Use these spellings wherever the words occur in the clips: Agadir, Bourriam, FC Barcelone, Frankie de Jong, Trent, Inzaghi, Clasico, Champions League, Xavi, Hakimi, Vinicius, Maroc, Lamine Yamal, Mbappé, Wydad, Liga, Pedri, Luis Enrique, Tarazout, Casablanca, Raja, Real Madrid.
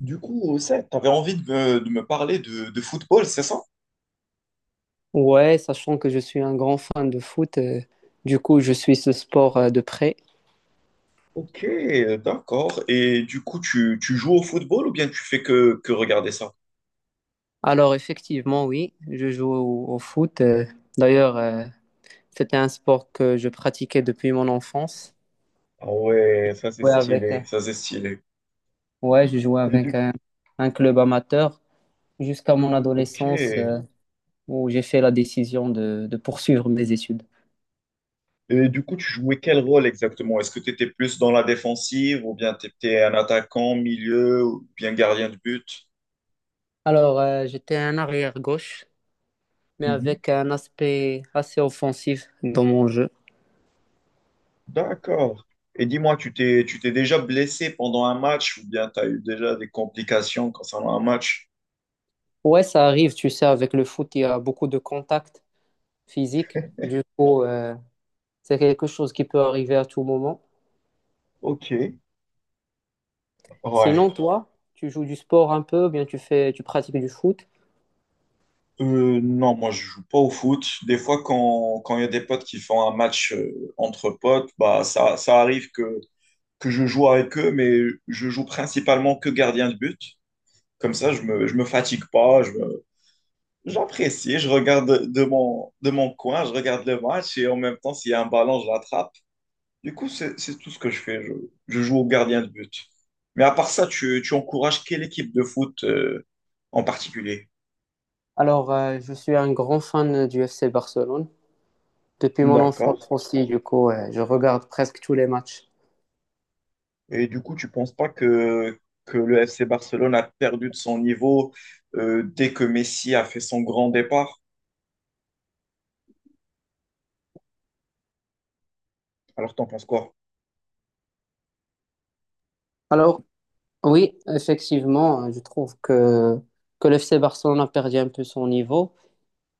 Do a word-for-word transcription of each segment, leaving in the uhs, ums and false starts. Du coup, ça, t'avais envie de me, de me parler de, de football, c'est ça? Ouais, sachant que je suis un grand fan de foot, euh, du coup, je suis ce sport euh, de près. Ok, d'accord. Et du coup, tu, tu joues au football ou bien tu fais que, que regarder ça? Alors, effectivement, oui, je joue au, au foot. Euh, d'ailleurs, euh, c'était un sport que je pratiquais depuis mon enfance. Ah ouais, ça c'est Ouais, avec, euh, stylé, ça c'est stylé. ouais, je jouais Et avec du... un, un club amateur jusqu'à mon Ok. adolescence, euh, où j'ai fait la décision de, de poursuivre mes études. Et du coup, tu jouais quel rôle exactement? Est-ce que tu étais plus dans la défensive ou bien tu étais un attaquant, milieu ou bien gardien de but? Alors, euh, j'étais un arrière gauche, mais Mhm. avec un aspect assez offensif dans mon jeu. D'accord. Et dis-moi, tu t'es, tu t'es déjà blessé pendant un match ou bien tu as eu déjà des complications concernant un match? Ouais, ça arrive, tu sais, avec le foot, il y a beaucoup de contacts physiques. Du coup, euh, c'est quelque chose qui peut arriver à tout moment. Ok. Ouais. Sinon, toi, tu joues du sport un peu, ou bien tu fais, tu pratiques du foot. Euh, non, moi je joue pas au foot. Des fois, quand quand il y a des potes qui font un match euh, entre potes, bah ça, ça arrive que, que je joue avec eux, mais je joue principalement que gardien de but. Comme ça, je me, je me fatigue pas, je me- j'apprécie, je regarde de, de mon, de mon coin, je regarde le match et en même temps, s'il y a un ballon, je l'attrape. Du coup, c'est, c'est tout ce que je fais. Je, je joue au gardien de but. Mais à part ça, tu, tu encourages quelle équipe de foot euh, en particulier? Alors, euh, je suis un grand fan du F C Barcelone. Depuis mon enfance D'accord. aussi, du coup, euh, je regarde presque tous les matchs. Et du coup, tu penses pas que, que le F C Barcelone a perdu de son niveau euh, dès que Messi a fait son grand départ? Alors, t'en penses quoi? Alors, oui, effectivement, euh, je trouve que, que le F C Barcelone a perdu un peu son niveau.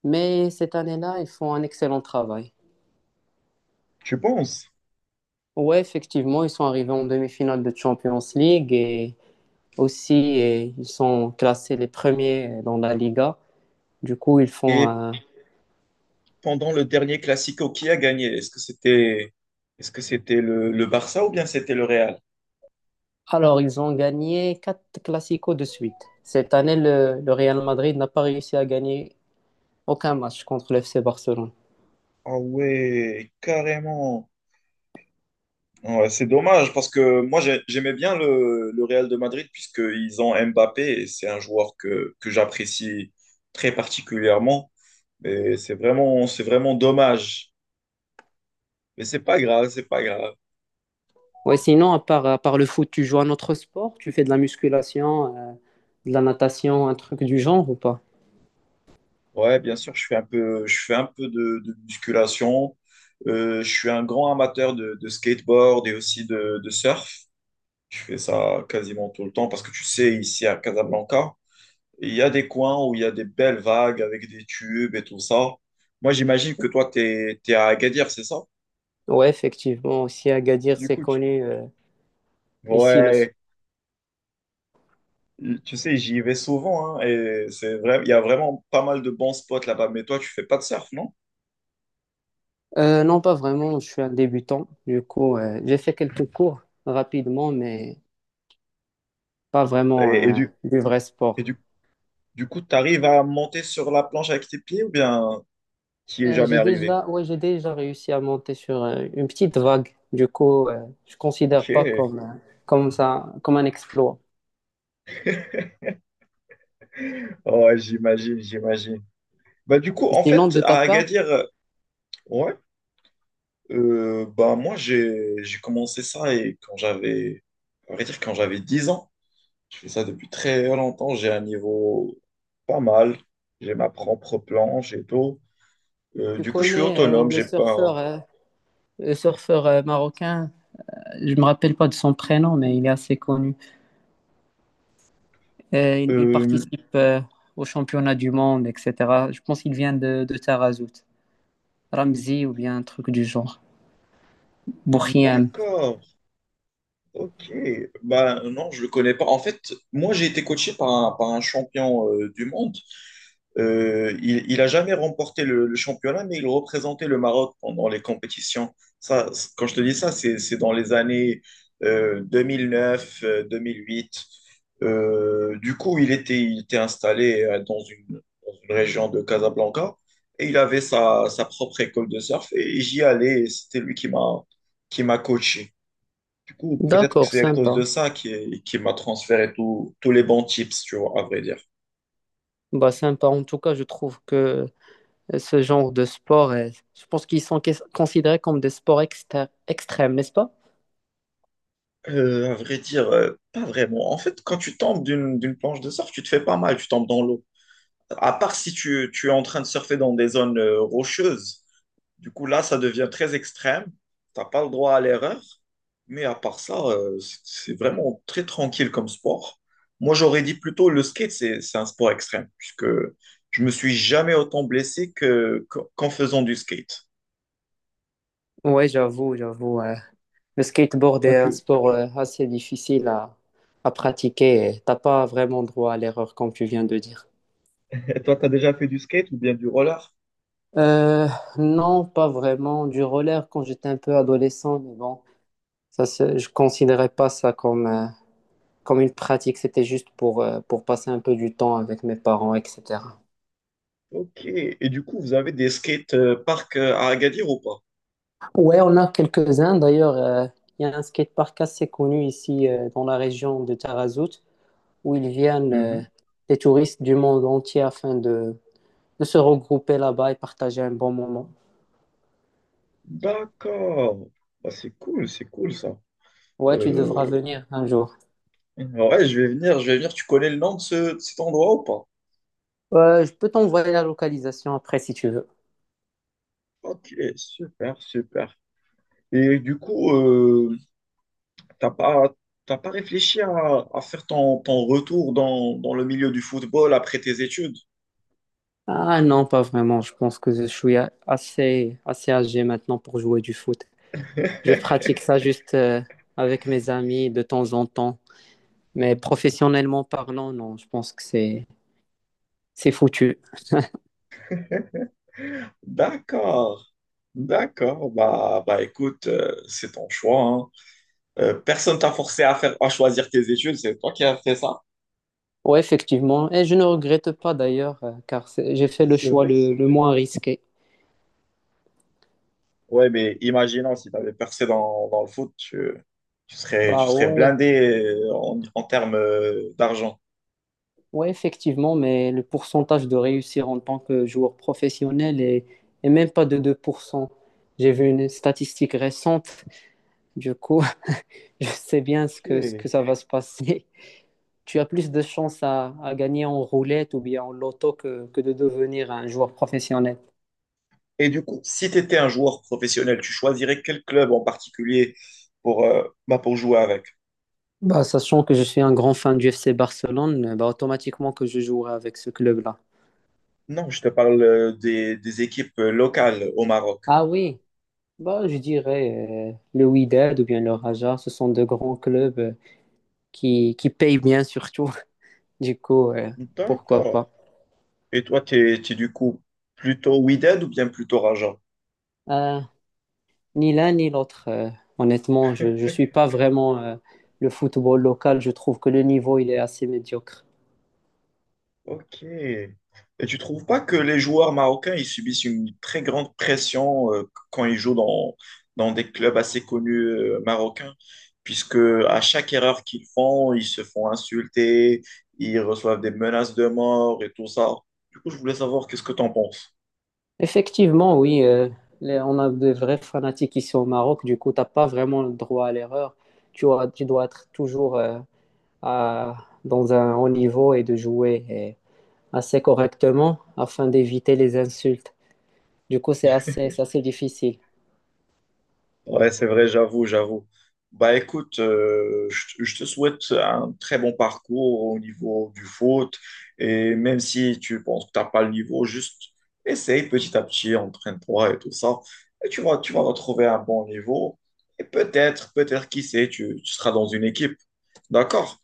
Mais cette année-là, ils font un excellent travail. Tu penses? Ouais, effectivement, ils sont arrivés en demi-finale de Champions League et aussi et ils sont classés les premiers dans la Liga. Du coup, ils font Et un- pendant le dernier Classico, qui a gagné? Est-ce que c'était est-ce que c'était le, le Barça ou bien c'était le Real? Alors, ils ont gagné quatre Clasico de suite. Cette année, le, le Real Madrid n'a pas réussi à gagner aucun match contre le F C Barcelone. Ah ouais, carrément. Ouais, c'est dommage parce que moi j'ai- j'aimais bien le, le Real de Madrid puisqu'ils ont Mbappé et c'est un joueur que, que j'apprécie très particulièrement. Mais c'est vraiment, c'est vraiment dommage. Mais c'est pas grave, c'est pas grave. Ouais, sinon, à part, à part le foot, tu joues à notre sport? Tu fais de la musculation, euh, de la natation, un truc du genre ou pas? Ouais, bien sûr, je fais un peu, je fais un peu de, de musculation. Euh, je suis un grand amateur de, de skateboard et aussi de, de surf. Je fais ça quasiment tout le temps parce que tu sais, ici à Casablanca, il y a des coins où il y a des belles vagues avec des tubes et tout ça. Moi, j'imagine que toi, t'es, t'es à Agadir, c'est ça? Ouais, effectivement, aussi Agadir, Du c'est coup, tu- connu. Euh, ici, le ouais, tu sais, j'y vais souvent hein, et c'est vrai, il y a vraiment pas mal de bons spots là-bas. Mais toi, tu fais pas de surf, non? Euh, non, pas vraiment. Je suis un débutant. Du coup, euh, j'ai fait quelques cours rapidement, mais pas vraiment Et, et euh, du, du vrai et sport. du Du coup, tu arrives à monter sur la planche avec tes pieds ou bien tu n'y es Euh, jamais J'ai arrivé? déjà, ouais, j'ai déjà réussi à monter sur euh, une petite vague. Du coup, euh, je considère Ok. pas comme, euh, comme ça, comme un exploit. Ouais, j'imagine, j'imagine. Bah, du coup, Et en sinon, fait, de ta à part, Agadir, euh, ouais, euh, bah, moi, j'ai, j'ai commencé ça et quand j'avais, à vrai dire, quand j'avais dix ans, je fais ça depuis très longtemps, j'ai un niveau pas mal, j'ai ma propre planche et tout. Euh, tu du coup, je suis connais euh, autonome, le j'ai pas. surfeur, euh, le surfeur euh, marocain. Je me rappelle pas de son prénom, mais il est assez connu. Euh, il, il Euh, participe euh, au championnat du monde, et cetera. Je pense qu'il vient de, de Tarazout. Ramzi ou bien un truc du genre. Bourriam. d'accord, Ok, bah non, je le connais pas. En fait, moi j'ai été coaché par un, par un champion euh, du monde. Euh, il, il a jamais remporté le, le championnat, mais il représentait le Maroc pendant les compétitions. Ça, c- quand je te dis ça, c'est, c'est dans les années euh, deux mille neuf, euh, deux mille huit. Euh, du coup, il était, il était installé euh, dans une, dans une région de Casablanca et il avait sa, sa propre école de surf et j'y allais. Et c'était lui qui m'a, qui m'a coaché. Du coup, peut-être que D'accord, c'est à cause de sympa. ça qui, qui m'a transféré tout- tous les bons tips, tu vois, à vrai dire. Bah, sympa. En tout cas, je trouve que euh, ce genre de sport, est- je pense qu'ils sont quais- considérés comme des sports exter- extrêmes, n'est-ce pas? Euh, à vrai dire, euh, pas vraiment. En fait, quand tu tombes d'une d'une planche de surf, tu te fais pas mal, tu tombes dans l'eau. À part si tu, tu es en train de surfer dans des zones euh, rocheuses. Du coup, là, ça devient très extrême. T'as pas le droit à l'erreur. Mais à part ça, euh, c'est c'est vraiment très tranquille comme sport. Moi, j'aurais dit plutôt le skate, c'est c'est un sport extrême, puisque je me suis jamais autant blessé que, qu'en faisant du skate. Ouais, j'avoue, j'avoue. Ouais. Le skateboard Toi, est un tu sport euh, assez difficile à, à pratiquer et t'as pas vraiment droit à l'erreur comme tu viens de dire. toi, t'as déjà fait du skate ou bien du roller? Euh, non, pas vraiment. Du roller quand j'étais un peu adolescent, mais bon, ça, c'est- je considérais pas ça comme, euh, comme une pratique. C'était juste pour, euh, pour passer un peu du temps avec mes parents, et cetera. Ok. Et du coup, vous avez des skate euh, parks euh, à Agadir ou pas? Ouais, on a quelques-uns. D'ailleurs, euh, il y a un skatepark assez connu ici euh, dans la région de Tarazout où ils viennent euh, Mhm. des touristes du monde entier afin de de se regrouper là-bas et partager un bon moment. D'accord. Bah, c'est cool, c'est cool ça. Ouais, tu Euh, devras venir un jour. Ouais, je vais venir, je vais venir. Tu connais le nom de, ce- de cet endroit ou pas? Euh, je peux t'envoyer la localisation après si tu veux. Ok, super, super. Et du coup, euh, t'as pas, t'as pas réfléchi à, à faire ton, ton retour dans, dans le milieu du football après tes études? Ah non, pas vraiment. Je pense que je suis a- assez, assez âgé maintenant pour jouer du foot. Je pratique ça juste euh, avec mes amis de temps en temps. Mais professionnellement parlant, non, je pense que c'est, c'est foutu. D'accord. D'accord, bah, bah écoute, euh, c'est ton choix, hein. Euh, personne t'a forcé à faire, à choisir tes études, c'est toi qui as fait ça. Ouais, effectivement. Et je ne regrette pas d'ailleurs, euh, car c'est- j'ai fait le C'est choix vrai? le, le moins risqué. Ouais, mais imaginons si tu avais percé dans, dans le foot, tu, tu serais, tu Bah serais ouais, blindé euh, en, en termes euh, d'argent. oui, effectivement, mais le pourcentage de réussir en tant que joueur professionnel est, est même pas de deux pour cent. J'ai vu une statistique récente, du coup, je sais bien ce que, ce que Ok. ça va se passer. Tu as plus de chances à, à gagner en roulette ou bien en loto que, que de devenir un joueur professionnel. Et du coup, si tu étais un joueur professionnel, tu choisirais quel club en particulier pour, euh, bah, pour jouer avec? Bah, sachant que je suis un grand fan du F C Barcelone, bah, automatiquement que je jouerai avec ce club-là. Non, je te parle euh, des, des équipes euh, locales au Maroc. Ah oui, bah, je dirais euh, le Wydad ou bien le Raja, ce sont de grands clubs. euh, qui, qui paye bien surtout. Du coup, euh, pourquoi D'accord. pas. Et toi, tu es, du coup plutôt Wydad ou bien plutôt Raja? Euh, ni l'un ni l'autre. Euh, honnêtement, je ne suis pas vraiment euh, le football local. Je trouve que le niveau, il est assez médiocre. Ok. Et tu trouves pas que les joueurs marocains, ils subissent une très grande pression euh, quand ils jouent dans, dans des clubs assez connus euh, marocains, puisque à chaque erreur qu'ils font, ils se font insulter, ils reçoivent des menaces de mort et tout ça. Du coup, je voulais savoir qu'est-ce que tu en penses. Effectivement, oui, euh, les- on a de vrais fanatiques ici au Maroc. Du coup, tu n'as pas vraiment le droit à l'erreur. Tu, as- tu dois être toujours euh, à- dans un haut niveau et de jouer euh, assez correctement afin d'éviter les insultes. Du coup, c'est assez, c'est assez difficile. Ouais, c'est vrai, j'avoue, j'avoue. Bah écoute, euh, je, te je te souhaite un très bon parcours au niveau du foot. Et même si tu penses que t'as pas le niveau, juste essaye petit à petit, entraîne-toi et tout ça. Et tu vas, tu vas retrouver un bon niveau. Et peut-être, peut-être, qui sait, tu, tu seras dans une équipe. D'accord?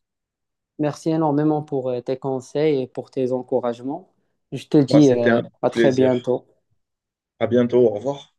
Merci énormément pour euh, tes conseils et pour tes encouragements. Je te Bah, dis c'était euh, un à très plaisir. bientôt. À bientôt, au revoir.